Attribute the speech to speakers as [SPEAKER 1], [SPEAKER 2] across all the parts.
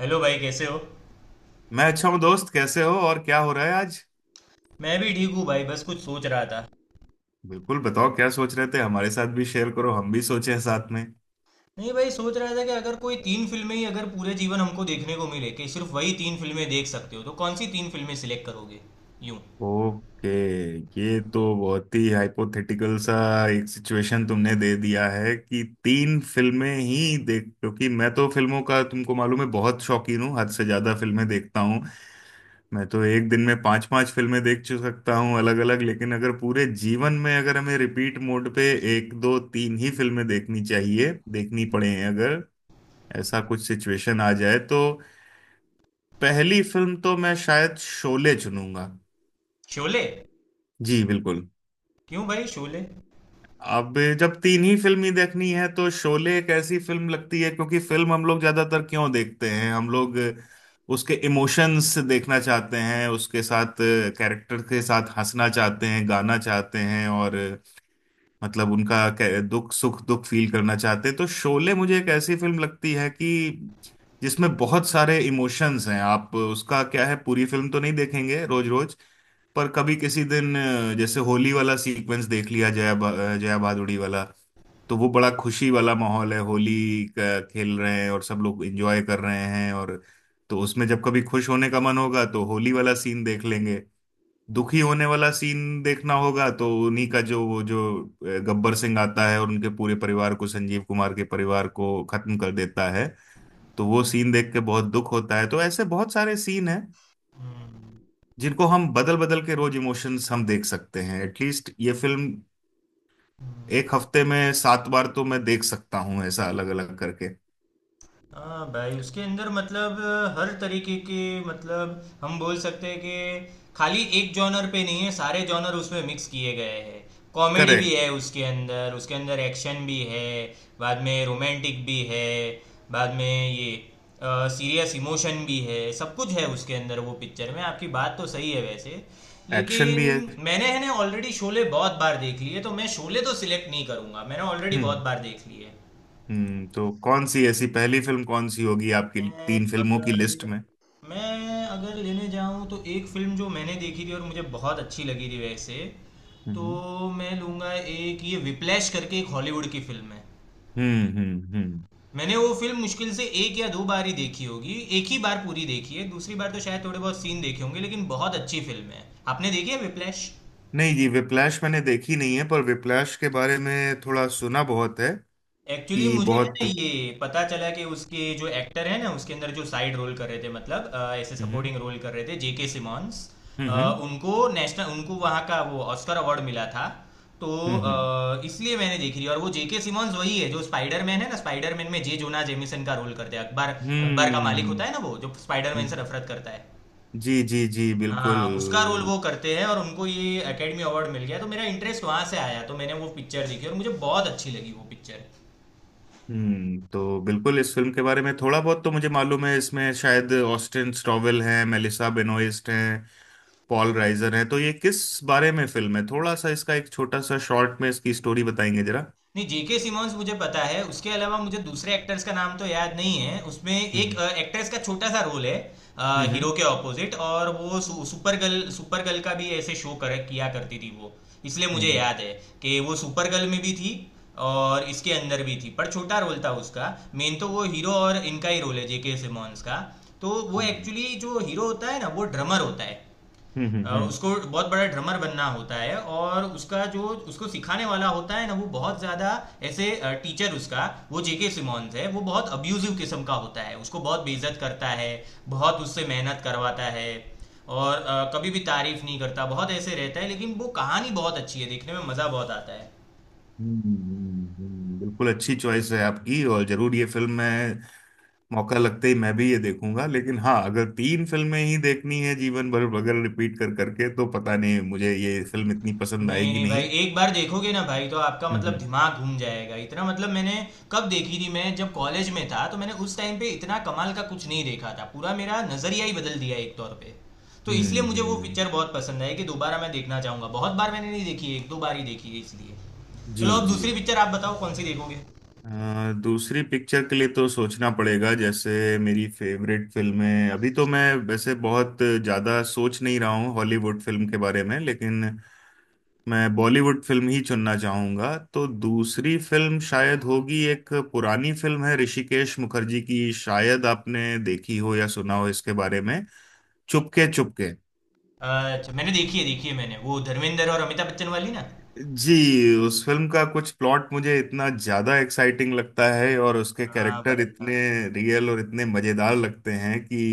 [SPEAKER 1] Hello भाई, कैसे हो।
[SPEAKER 2] मैं अच्छा हूँ दोस्त, कैसे हो और क्या हो रहा है आज।
[SPEAKER 1] मैं भी ठीक हूँ भाई, बस कुछ सोच रहा था।
[SPEAKER 2] बिल्कुल बताओ क्या सोच रहे थे, हमारे साथ भी शेयर करो, हम भी सोचे साथ में।
[SPEAKER 1] नहीं भाई, सोच रहा था कि अगर कोई तीन फिल्में ही अगर पूरे जीवन हमको देखने को मिले कि सिर्फ वही तीन फिल्में देख सकते हो तो कौन सी तीन फिल्में सिलेक्ट करोगे। यूं।
[SPEAKER 2] ओके। ये तो बहुत ही हाइपोथेटिकल सा एक सिचुएशन तुमने दे दिया है कि तीन फिल्में ही देख, क्योंकि मैं तो फिल्मों का, तुमको मालूम है, बहुत शौकीन हूँ, हद से ज्यादा फिल्में देखता हूँ। मैं तो एक दिन में पांच पांच फिल्में देख सकता हूँ अलग अलग, लेकिन अगर पूरे जीवन में अगर हमें रिपीट मोड पे एक दो तीन ही फिल्में देखनी चाहिए, देखनी पड़े अगर ऐसा कुछ सिचुएशन आ जाए, तो पहली फिल्म तो मैं शायद शोले चुनूंगा।
[SPEAKER 1] शोले।
[SPEAKER 2] जी बिल्कुल।
[SPEAKER 1] क्यों भाई शोले?
[SPEAKER 2] अब जब तीन ही फिल्म ही देखनी है तो शोले एक ऐसी फिल्म लगती है, क्योंकि फिल्म हम लोग ज्यादातर क्यों देखते हैं, हम लोग उसके इमोशंस देखना चाहते हैं, उसके साथ कैरेक्टर के साथ हंसना चाहते हैं, गाना चाहते हैं, और मतलब उनका दुख सुख दुख फील करना चाहते हैं। तो शोले मुझे एक ऐसी फिल्म लगती है कि जिसमें बहुत सारे इमोशंस हैं। आप उसका क्या है, पूरी फिल्म तो नहीं देखेंगे रोज रोज, पर कभी किसी दिन, जैसे होली वाला सीक्वेंस देख लिया, जया भादुड़ी वाला, तो वो बड़ा खुशी वाला माहौल है, होली का खेल रहे हैं और सब लोग एंजॉय कर रहे हैं, और तो उसमें जब कभी खुश होने का मन होगा तो होली वाला सीन देख लेंगे। दुखी होने वाला सीन देखना होगा तो उन्हीं का, जो वो जो गब्बर सिंह आता है और उनके पूरे परिवार को, संजीव कुमार के परिवार को खत्म कर देता है, तो वो सीन देख के बहुत दुख होता है। तो ऐसे बहुत सारे सीन हैं
[SPEAKER 1] हम्म।
[SPEAKER 2] जिनको हम बदल बदल के रोज इमोशंस हम देख सकते हैं। एटलीस्ट ये फिल्म एक हफ्ते में सात बार तो मैं देख सकता हूँ ऐसा अलग अलग करके।
[SPEAKER 1] हाँ भाई, उसके अंदर मतलब हर तरीके के मतलब हम बोल सकते हैं कि खाली एक जॉनर पे नहीं है, सारे जॉनर उसमें मिक्स किए गए हैं। कॉमेडी भी
[SPEAKER 2] करेक्ट।
[SPEAKER 1] है, उसके अंदर एक्शन भी है। बाद में रोमांटिक भी है। बाद में ये सीरियस इमोशन भी है, सब कुछ है उसके अंदर वो पिक्चर में। आपकी बात तो सही है वैसे,
[SPEAKER 2] एक्शन
[SPEAKER 1] लेकिन
[SPEAKER 2] भी है।
[SPEAKER 1] मैंने है ना ऑलरेडी शोले बहुत बार देख ली है, तो मैं शोले तो सिलेक्ट नहीं करूंगा, मैंने ऑलरेडी बहुत
[SPEAKER 2] हम्म,
[SPEAKER 1] बार देख ली है।
[SPEAKER 2] हम्म। तो कौन सी ऐसी पहली फिल्म कौन सी होगी आपकी
[SPEAKER 1] मैं
[SPEAKER 2] तीन फिल्मों की लिस्ट
[SPEAKER 1] अगर
[SPEAKER 2] में?
[SPEAKER 1] मैं अगर लेने जाऊँ तो एक फिल्म जो मैंने देखी थी और मुझे बहुत अच्छी लगी थी वैसे, तो
[SPEAKER 2] हम्म,
[SPEAKER 1] मैं लूँगा एक, ये विप्लैश करके एक हॉलीवुड की फिल्म है।
[SPEAKER 2] हम्म, हम्म, हम्म।
[SPEAKER 1] मैंने वो फिल्म मुश्किल से एक या दो बार ही देखी होगी। एक ही बार पूरी देखी है, दूसरी बार तो शायद थोड़े बहुत सीन देखे होंगे, लेकिन बहुत अच्छी फिल्म है। आपने देखी है विप्लैश?
[SPEAKER 2] नहीं जी, विप्लैश मैंने देखी नहीं है, पर विप्लैश के बारे में थोड़ा सुना बहुत है
[SPEAKER 1] एक्चुअली
[SPEAKER 2] कि
[SPEAKER 1] मुझे है
[SPEAKER 2] बहुत।
[SPEAKER 1] ना ये पता चला कि उसके जो एक्टर है ना, उसके अंदर जो साइड रोल कर रहे थे मतलब ऐसे
[SPEAKER 2] हम्म,
[SPEAKER 1] सपोर्टिंग रोल कर रहे थे, जेके सिमॉन्स। अ,
[SPEAKER 2] हम्म,
[SPEAKER 1] उनको वहाँ का वो ऑस्कर अवार्ड मिला था तो
[SPEAKER 2] हम्म, हम्म,
[SPEAKER 1] इसलिए मैंने देखी थी, और वो जेके सिमॉन्स वही है जो स्पाइडरमैन है ना, स्पाइडरमैन में जे जोना जेमिसन का रोल करते हैं। अकबर, अकबर का मालिक होता
[SPEAKER 2] हम्म।
[SPEAKER 1] है ना वो, जो स्पाइडरमैन से नफरत करता है।
[SPEAKER 2] जी जी जी, बिल्कुल।
[SPEAKER 1] हाँ, उसका रोल वो करते हैं और उनको ये एकेडमी अवार्ड मिल गया, तो मेरा इंटरेस्ट वहां से आया, तो मैंने वो पिक्चर देखी और मुझे बहुत अच्छी लगी वो पिक्चर।
[SPEAKER 2] हम्म। तो बिल्कुल इस फिल्म के बारे में थोड़ा बहुत तो मुझे मालूम है। इसमें शायद ऑस्टिन स्टॉवेल हैं, मेलिसा बेनोइस्ट हैं, पॉल राइजर हैं। तो ये किस बारे में फिल्म है, थोड़ा सा इसका एक छोटा सा शॉर्ट में इसकी स्टोरी बताएंगे जरा?
[SPEAKER 1] नहीं, जेके सिमोन्स मुझे पता है, उसके अलावा मुझे दूसरे एक्टर्स का नाम तो याद नहीं है। उसमें एक
[SPEAKER 2] हम्म,
[SPEAKER 1] एक्ट्रेस का छोटा सा रोल है,
[SPEAKER 2] हम्म, हम्म,
[SPEAKER 1] हीरो के ऑपोजिट, और वो सुपर गर्ल, सुपर गर्ल का भी ऐसे शो कर किया करती थी वो, इसलिए मुझे
[SPEAKER 2] हम्म,
[SPEAKER 1] याद है कि वो सुपर गर्ल में भी थी और इसके अंदर भी थी, पर छोटा रोल था उसका। मेन तो वो हीरो और इनका ही रोल है, जेके सिमोन्स का। तो वो
[SPEAKER 2] हम्म,
[SPEAKER 1] एक्चुअली जो हीरो होता है ना, वो ड्रमर होता है।
[SPEAKER 2] हम्म, हम्म,
[SPEAKER 1] उसको बहुत बड़ा ड्रमर बनना होता है, और उसका जो उसको सिखाने वाला होता है ना, वो बहुत ज्यादा ऐसे टीचर उसका, वो जेके सिमोन्स है, वो बहुत अब्यूजिव किस्म का होता है, उसको बहुत बेइज्जत करता है, बहुत उससे मेहनत करवाता है, और कभी भी तारीफ नहीं करता, बहुत ऐसे रहता है, लेकिन वो कहानी बहुत अच्छी है, देखने में मजा बहुत आता है।
[SPEAKER 2] बिल्कुल अच्छी चॉइस है आपकी, और जरूर ये फिल्म मैं, मौका लगते ही मैं भी ये देखूंगा, लेकिन हाँ, अगर तीन फिल्में ही देखनी है जीवन भर अगर रिपीट कर करके, तो पता नहीं मुझे ये फिल्म इतनी पसंद
[SPEAKER 1] नहीं,
[SPEAKER 2] आएगी
[SPEAKER 1] नहीं भाई,
[SPEAKER 2] नहीं।
[SPEAKER 1] एक बार देखोगे ना भाई तो आपका
[SPEAKER 2] हम्म,
[SPEAKER 1] मतलब
[SPEAKER 2] हम्म,
[SPEAKER 1] दिमाग घूम जाएगा। इतना मतलब, मैंने कब देखी थी, मैं जब कॉलेज में था तो मैंने उस टाइम पे इतना कमाल का कुछ नहीं देखा था। पूरा मेरा नज़रिया ही बदल दिया एक तौर पे। तो इसलिए
[SPEAKER 2] हम्म।
[SPEAKER 1] मुझे वो पिक्चर बहुत पसंद आई, कि दोबारा मैं देखना चाहूँगा। बहुत बार मैंने नहीं देखी है, 1-2 बार ही देखी है इसलिए। चलो,
[SPEAKER 2] जी
[SPEAKER 1] अब
[SPEAKER 2] जी।
[SPEAKER 1] दूसरी पिक्चर आप बताओ, कौन सी देखोगे?
[SPEAKER 2] दूसरी पिक्चर के लिए तो सोचना पड़ेगा। जैसे मेरी फेवरेट फिल्में, अभी तो मैं वैसे बहुत ज्यादा सोच नहीं रहा हूँ हॉलीवुड फिल्म के बारे में, लेकिन मैं बॉलीवुड फिल्म ही चुनना चाहूंगा। तो दूसरी फिल्म शायद होगी एक पुरानी फिल्म है, ऋषिकेश मुखर्जी की, शायद आपने देखी हो या सुना हो इसके बारे में, चुपके चुपके।
[SPEAKER 1] अच्छा, मैंने देखी है, देखी है मैंने। वो धर्मेंद्र और अमिताभ बच्चन वाली ना?
[SPEAKER 2] जी। उस फिल्म का कुछ प्लॉट मुझे इतना ज्यादा एक्साइटिंग लगता है, और उसके
[SPEAKER 1] हाँ
[SPEAKER 2] कैरेक्टर
[SPEAKER 1] भाई हाँ।
[SPEAKER 2] इतने रियल और इतने मजेदार लगते हैं कि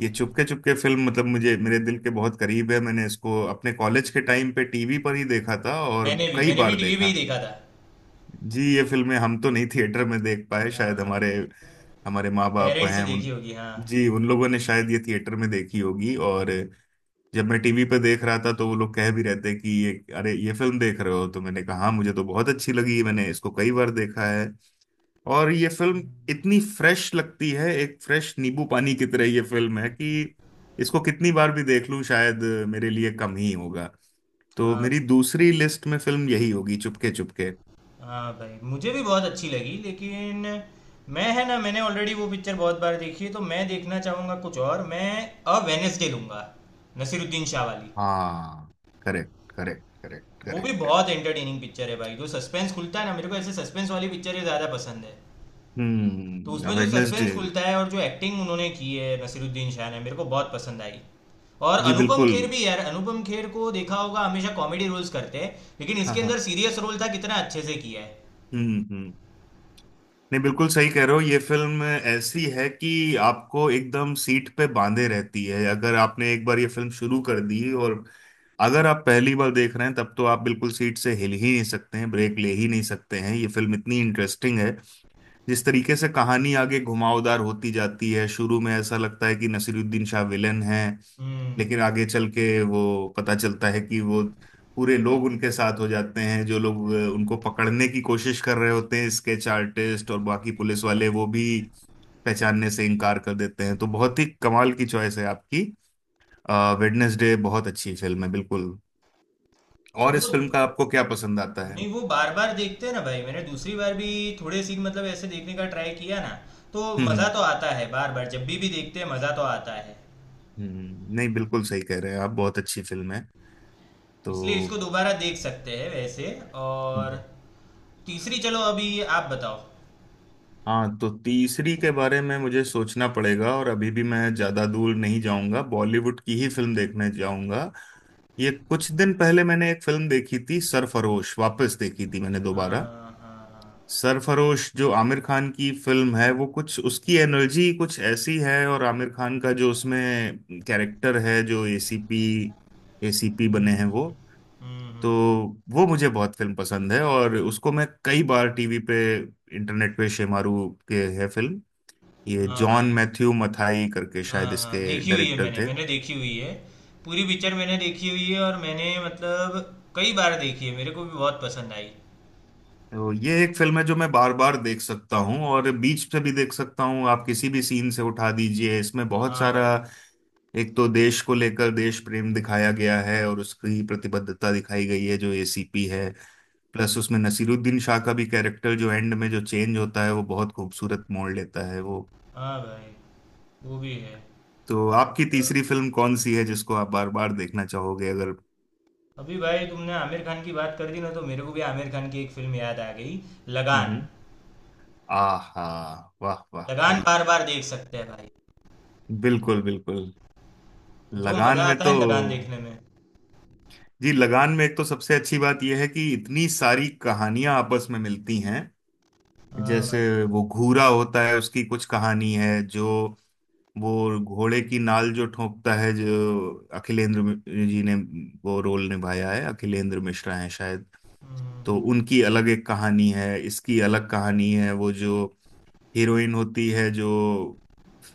[SPEAKER 2] ये चुपके चुपके फिल्म, मतलब मुझे, मेरे दिल के बहुत करीब है। मैंने इसको अपने कॉलेज के टाइम पे टीवी पर ही देखा था और
[SPEAKER 1] मैंने भी
[SPEAKER 2] कई
[SPEAKER 1] मैंने भी
[SPEAKER 2] बार
[SPEAKER 1] टीवी पे ही
[SPEAKER 2] देखा।
[SPEAKER 1] देखा था।
[SPEAKER 2] जी, ये फिल्में हम तो नहीं थिएटर में देख पाए शायद,
[SPEAKER 1] हाँ,
[SPEAKER 2] हमारे हमारे माँ बाप
[SPEAKER 1] पेरेंट्स से
[SPEAKER 2] हैं
[SPEAKER 1] देखी
[SPEAKER 2] उन,
[SPEAKER 1] होगी हाँ।
[SPEAKER 2] जी उन लोगों ने शायद ये थिएटर में देखी होगी, और जब मैं टीवी पे देख रहा था तो वो लोग कह भी रहते हैं कि ये, अरे ये फिल्म देख रहे हो, तो मैंने कहा "हाँ, मुझे तो बहुत अच्छी लगी, मैंने इसको कई बार देखा है।" और ये फिल्म इतनी फ्रेश लगती है, एक फ्रेश नींबू पानी की तरह ये फिल्म है कि इसको कितनी बार भी देख लूं शायद मेरे लिए कम ही होगा। तो
[SPEAKER 1] हाँ।
[SPEAKER 2] मेरी दूसरी लिस्ट में फिल्म यही होगी, चुपके चुपके।
[SPEAKER 1] हाँ भाई, मुझे भी बहुत अच्छी लगी, लेकिन मैं है ना, मैंने ऑलरेडी वो पिक्चर बहुत बार देखी है, तो मैं देखना चाहूँगा कुछ और। मैं अ वेनेसडे लूँगा, नसीरुद्दीन शाह वाली।
[SPEAKER 2] हाँ, करेक्ट करेक्ट करेक्ट
[SPEAKER 1] वो भी
[SPEAKER 2] करेक्ट।
[SPEAKER 1] बहुत एंटरटेनिंग पिक्चर है भाई, जो सस्पेंस खुलता है ना, मेरे को ऐसे सस्पेंस वाली पिक्चरें ज़्यादा पसंद है। तो
[SPEAKER 2] हम्म,
[SPEAKER 1] उसमें जो सस्पेंस
[SPEAKER 2] वेडनेसडे।
[SPEAKER 1] खुलता है, और जो एक्टिंग उन्होंने की है नसीरुद्दीन शाह ने, मेरे को बहुत पसंद आई। और
[SPEAKER 2] जी
[SPEAKER 1] अनुपम
[SPEAKER 2] बिल्कुल।
[SPEAKER 1] खेर भी यार, अनुपम खेर को देखा होगा, हमेशा कॉमेडी रोल्स करते हैं, लेकिन
[SPEAKER 2] हाँ,
[SPEAKER 1] इसके अंदर
[SPEAKER 2] हाँ।
[SPEAKER 1] सीरियस रोल था, कितना अच्छे से किया है।
[SPEAKER 2] हम्म, हम्म। नहीं, बिल्कुल सही कह रहे हो, ये फिल्म ऐसी है कि आपको एकदम सीट पे बांधे रहती है। अगर आपने एक बार ये फिल्म शुरू कर दी, और अगर आप पहली बार देख रहे हैं, तब तो आप बिल्कुल सीट से हिल ही नहीं सकते हैं, ब्रेक ले ही नहीं सकते हैं, ये फिल्म इतनी इंटरेस्टिंग है। जिस तरीके से कहानी आगे घुमावदार होती जाती है, शुरू में ऐसा लगता है कि नसीरुद्दीन शाह विलेन है,
[SPEAKER 1] हम्म
[SPEAKER 2] लेकिन आगे चल के वो, पता चलता है कि वो पूरे लोग उनके साथ हो जाते हैं, जो लोग उनको पकड़ने की कोशिश कर रहे होते हैं, स्केच आर्टिस्ट और बाकी पुलिस वाले, वो भी पहचानने से इनकार कर देते हैं। तो बहुत ही कमाल की चॉइस है आपकी, वेडनेसडे बहुत अच्छी फिल्म है बिल्कुल। और
[SPEAKER 1] वो,
[SPEAKER 2] इस फिल्म का आपको क्या पसंद आता है?
[SPEAKER 1] नहीं वो बार बार देखते हैं ना भाई, मैंने दूसरी बार भी थोड़े सीन मतलब ऐसे देखने का ट्राई किया ना, तो
[SPEAKER 2] हम्म,
[SPEAKER 1] मज़ा
[SPEAKER 2] हम्म।
[SPEAKER 1] तो आता है, बार बार जब भी देखते हैं मज़ा तो आता है,
[SPEAKER 2] नहीं, बिल्कुल सही कह रहे हैं आप, बहुत अच्छी फिल्म है तो।
[SPEAKER 1] इसलिए इसको दोबारा देख सकते हैं वैसे। और
[SPEAKER 2] हम्म।
[SPEAKER 1] तीसरी, चलो अभी आप बताओ।
[SPEAKER 2] हाँ, तो तीसरी के बारे में मुझे सोचना पड़ेगा, और अभी भी मैं ज्यादा दूर नहीं जाऊंगा, बॉलीवुड की ही फिल्म देखने जाऊंगा। ये कुछ दिन पहले मैंने एक फिल्म देखी थी सरफरोश, वापस देखी थी मैंने
[SPEAKER 1] हाँ,
[SPEAKER 2] दोबारा।
[SPEAKER 1] हाँ, हाँ।
[SPEAKER 2] सरफरोश जो आमिर खान की फिल्म है वो, कुछ उसकी एनर्जी कुछ ऐसी है, और आमिर खान का जो उसमें कैरेक्टर है, जो एसीपी, एसीपी बने हैं वो,
[SPEAKER 1] हम्म, हम्म,
[SPEAKER 2] तो
[SPEAKER 1] हम्म।
[SPEAKER 2] वो मुझे बहुत फिल्म पसंद है, और उसको मैं कई बार टीवी पे, इंटरनेट पे शेमारू के है फिल्म। ये
[SPEAKER 1] हाँ भाई,
[SPEAKER 2] जॉन मैथ्यू मथाई करके
[SPEAKER 1] हाँ
[SPEAKER 2] शायद
[SPEAKER 1] हाँ,
[SPEAKER 2] इसके
[SPEAKER 1] देखी हुई है
[SPEAKER 2] डायरेक्टर
[SPEAKER 1] मैंने,
[SPEAKER 2] थे।
[SPEAKER 1] मैंने देखी हुई है। पूरी पिक्चर मैंने देखी हुई है, और मैंने मतलब कई बार देखी है, मेरे को भी बहुत पसंद आई।
[SPEAKER 2] तो ये एक फिल्म है जो मैं बार बार देख सकता हूँ, और बीच से भी देख सकता हूँ, आप किसी भी सीन से उठा दीजिए, इसमें बहुत
[SPEAKER 1] हाँ
[SPEAKER 2] सारा,
[SPEAKER 1] भाई।
[SPEAKER 2] एक तो देश को लेकर देश प्रेम दिखाया गया है और उसकी प्रतिबद्धता दिखाई गई है जो एसीपी है। प्लस उसमें नसीरुद्दीन शाह का भी कैरेक्टर जो एंड में जो चेंज होता है वो बहुत खूबसूरत मोड़ लेता है वो।
[SPEAKER 1] हाँ भाई, वो भी है।
[SPEAKER 2] तो आपकी तीसरी फिल्म कौन सी है जिसको आप बार बार देखना चाहोगे अगर?
[SPEAKER 1] अभी भाई, तुमने आमिर खान की बात कर दी ना, तो मेरे को भी आमिर खान की एक फिल्म याद आ गई। लगान।
[SPEAKER 2] हम्म। आहा, वाह वाह
[SPEAKER 1] लगान
[SPEAKER 2] वाह।
[SPEAKER 1] बार बार देख सकते हैं भाई,
[SPEAKER 2] बिल्कुल, बिल्कुल।
[SPEAKER 1] जो
[SPEAKER 2] लगान
[SPEAKER 1] मजा
[SPEAKER 2] में
[SPEAKER 1] आता
[SPEAKER 2] तो,
[SPEAKER 1] है लगान देखने में!
[SPEAKER 2] जी लगान में एक तो सबसे अच्छी बात यह है कि इतनी सारी कहानियां आपस में मिलती हैं।
[SPEAKER 1] हाँ
[SPEAKER 2] जैसे,
[SPEAKER 1] भाई।
[SPEAKER 2] वो घूरा होता है उसकी कुछ कहानी है जो, वो घोड़े की नाल जो ठोंकता है जो, अखिलेंद्र जी ने वो रोल निभाया है, अखिलेंद्र मिश्रा है शायद। तो
[SPEAKER 1] हम्म।
[SPEAKER 2] उनकी अलग एक कहानी है, इसकी अलग कहानी है। वो जो हीरोइन होती है, जो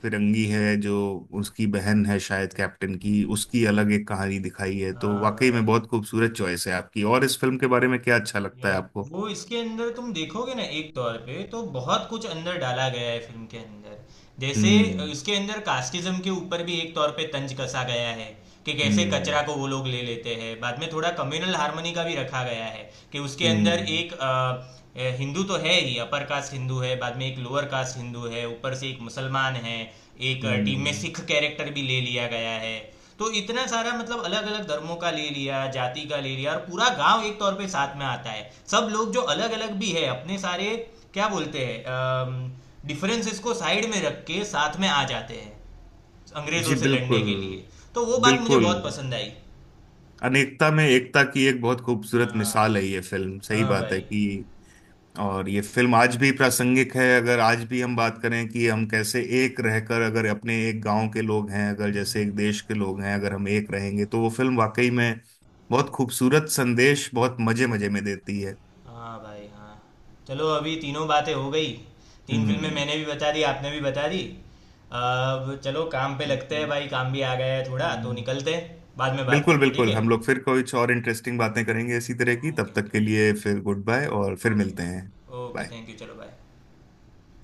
[SPEAKER 2] फिरंगी है, जो उसकी बहन है शायद कैप्टन की, उसकी अलग एक कहानी दिखाई है। तो
[SPEAKER 1] हाँ
[SPEAKER 2] वाकई में
[SPEAKER 1] भाई,
[SPEAKER 2] बहुत खूबसूरत चॉइस है आपकी, और इस फिल्म के बारे में क्या अच्छा लगता है
[SPEAKER 1] यार,
[SPEAKER 2] आपको?
[SPEAKER 1] वो इसके अंदर तुम देखोगे ना, एक तौर पे तो बहुत कुछ अंदर डाला गया है फिल्म के अंदर। जैसे
[SPEAKER 2] हम्म,
[SPEAKER 1] इसके अंदर कास्टिज्म के ऊपर भी एक तौर पे तंज कसा गया है, कि कैसे कचरा
[SPEAKER 2] हम्म,
[SPEAKER 1] को वो लोग ले लेते हैं। बाद में थोड़ा कम्युनल हार्मनी का भी रखा गया है, कि उसके अंदर
[SPEAKER 2] हम्म,
[SPEAKER 1] एक हिंदू तो है ही, अपर कास्ट हिंदू है, बाद में एक लोअर कास्ट हिंदू है, ऊपर से एक मुसलमान है, एक टीम में
[SPEAKER 2] हम्म।
[SPEAKER 1] सिख कैरेक्टर भी ले लिया गया है। तो इतना सारा मतलब अलग अलग धर्मों का ले लिया, जाति का ले लिया, और पूरा गांव एक तौर पे साथ में आता है, सब लोग जो अलग अलग भी है, अपने सारे क्या बोलते हैं, डिफरेंसेस को साइड में रख के साथ में आ जाते हैं, अंग्रेजों
[SPEAKER 2] जी
[SPEAKER 1] से लड़ने
[SPEAKER 2] बिल्कुल,
[SPEAKER 1] के लिए। तो वो बात मुझे
[SPEAKER 2] बिल्कुल।
[SPEAKER 1] बहुत पसंद आई।
[SPEAKER 2] अनेकता में एकता की एक बहुत खूबसूरत मिसाल है
[SPEAKER 1] हाँ।
[SPEAKER 2] ये फिल्म, सही
[SPEAKER 1] हाँ
[SPEAKER 2] बात है
[SPEAKER 1] भाई।
[SPEAKER 2] कि, और ये फिल्म आज भी प्रासंगिक है। अगर आज भी हम बात करें कि हम कैसे एक रहकर, अगर अपने एक गांव के लोग हैं, अगर जैसे एक देश के लोग हैं, अगर हम एक रहेंगे, तो वो फिल्म वाकई में बहुत खूबसूरत संदेश बहुत मजे मजे में देती है।
[SPEAKER 1] हाँ भाई। हाँ। चलो, अभी तीनों बातें हो गई, तीन फिल्में
[SPEAKER 2] हम्म,
[SPEAKER 1] मैंने भी बता दी, आपने भी बता दी। अब चलो काम पे लगते हैं
[SPEAKER 2] हम्म,
[SPEAKER 1] भाई, काम भी आ गया है थोड़ा, तो
[SPEAKER 2] हम्म।
[SPEAKER 1] निकलते हैं, बाद में बात
[SPEAKER 2] बिल्कुल,
[SPEAKER 1] करते हैं, ठीक
[SPEAKER 2] बिल्कुल।
[SPEAKER 1] है।
[SPEAKER 2] हम लोग फिर कुछ और इंटरेस्टिंग बातें करेंगे इसी तरह की,
[SPEAKER 1] ओके,
[SPEAKER 2] तब तक
[SPEAKER 1] ओके,
[SPEAKER 2] के लिए फिर गुड बाय, और फिर
[SPEAKER 1] ओके,
[SPEAKER 2] मिलते हैं।
[SPEAKER 1] Okay,
[SPEAKER 2] Bye.
[SPEAKER 1] थैंक यू, चलो बाय।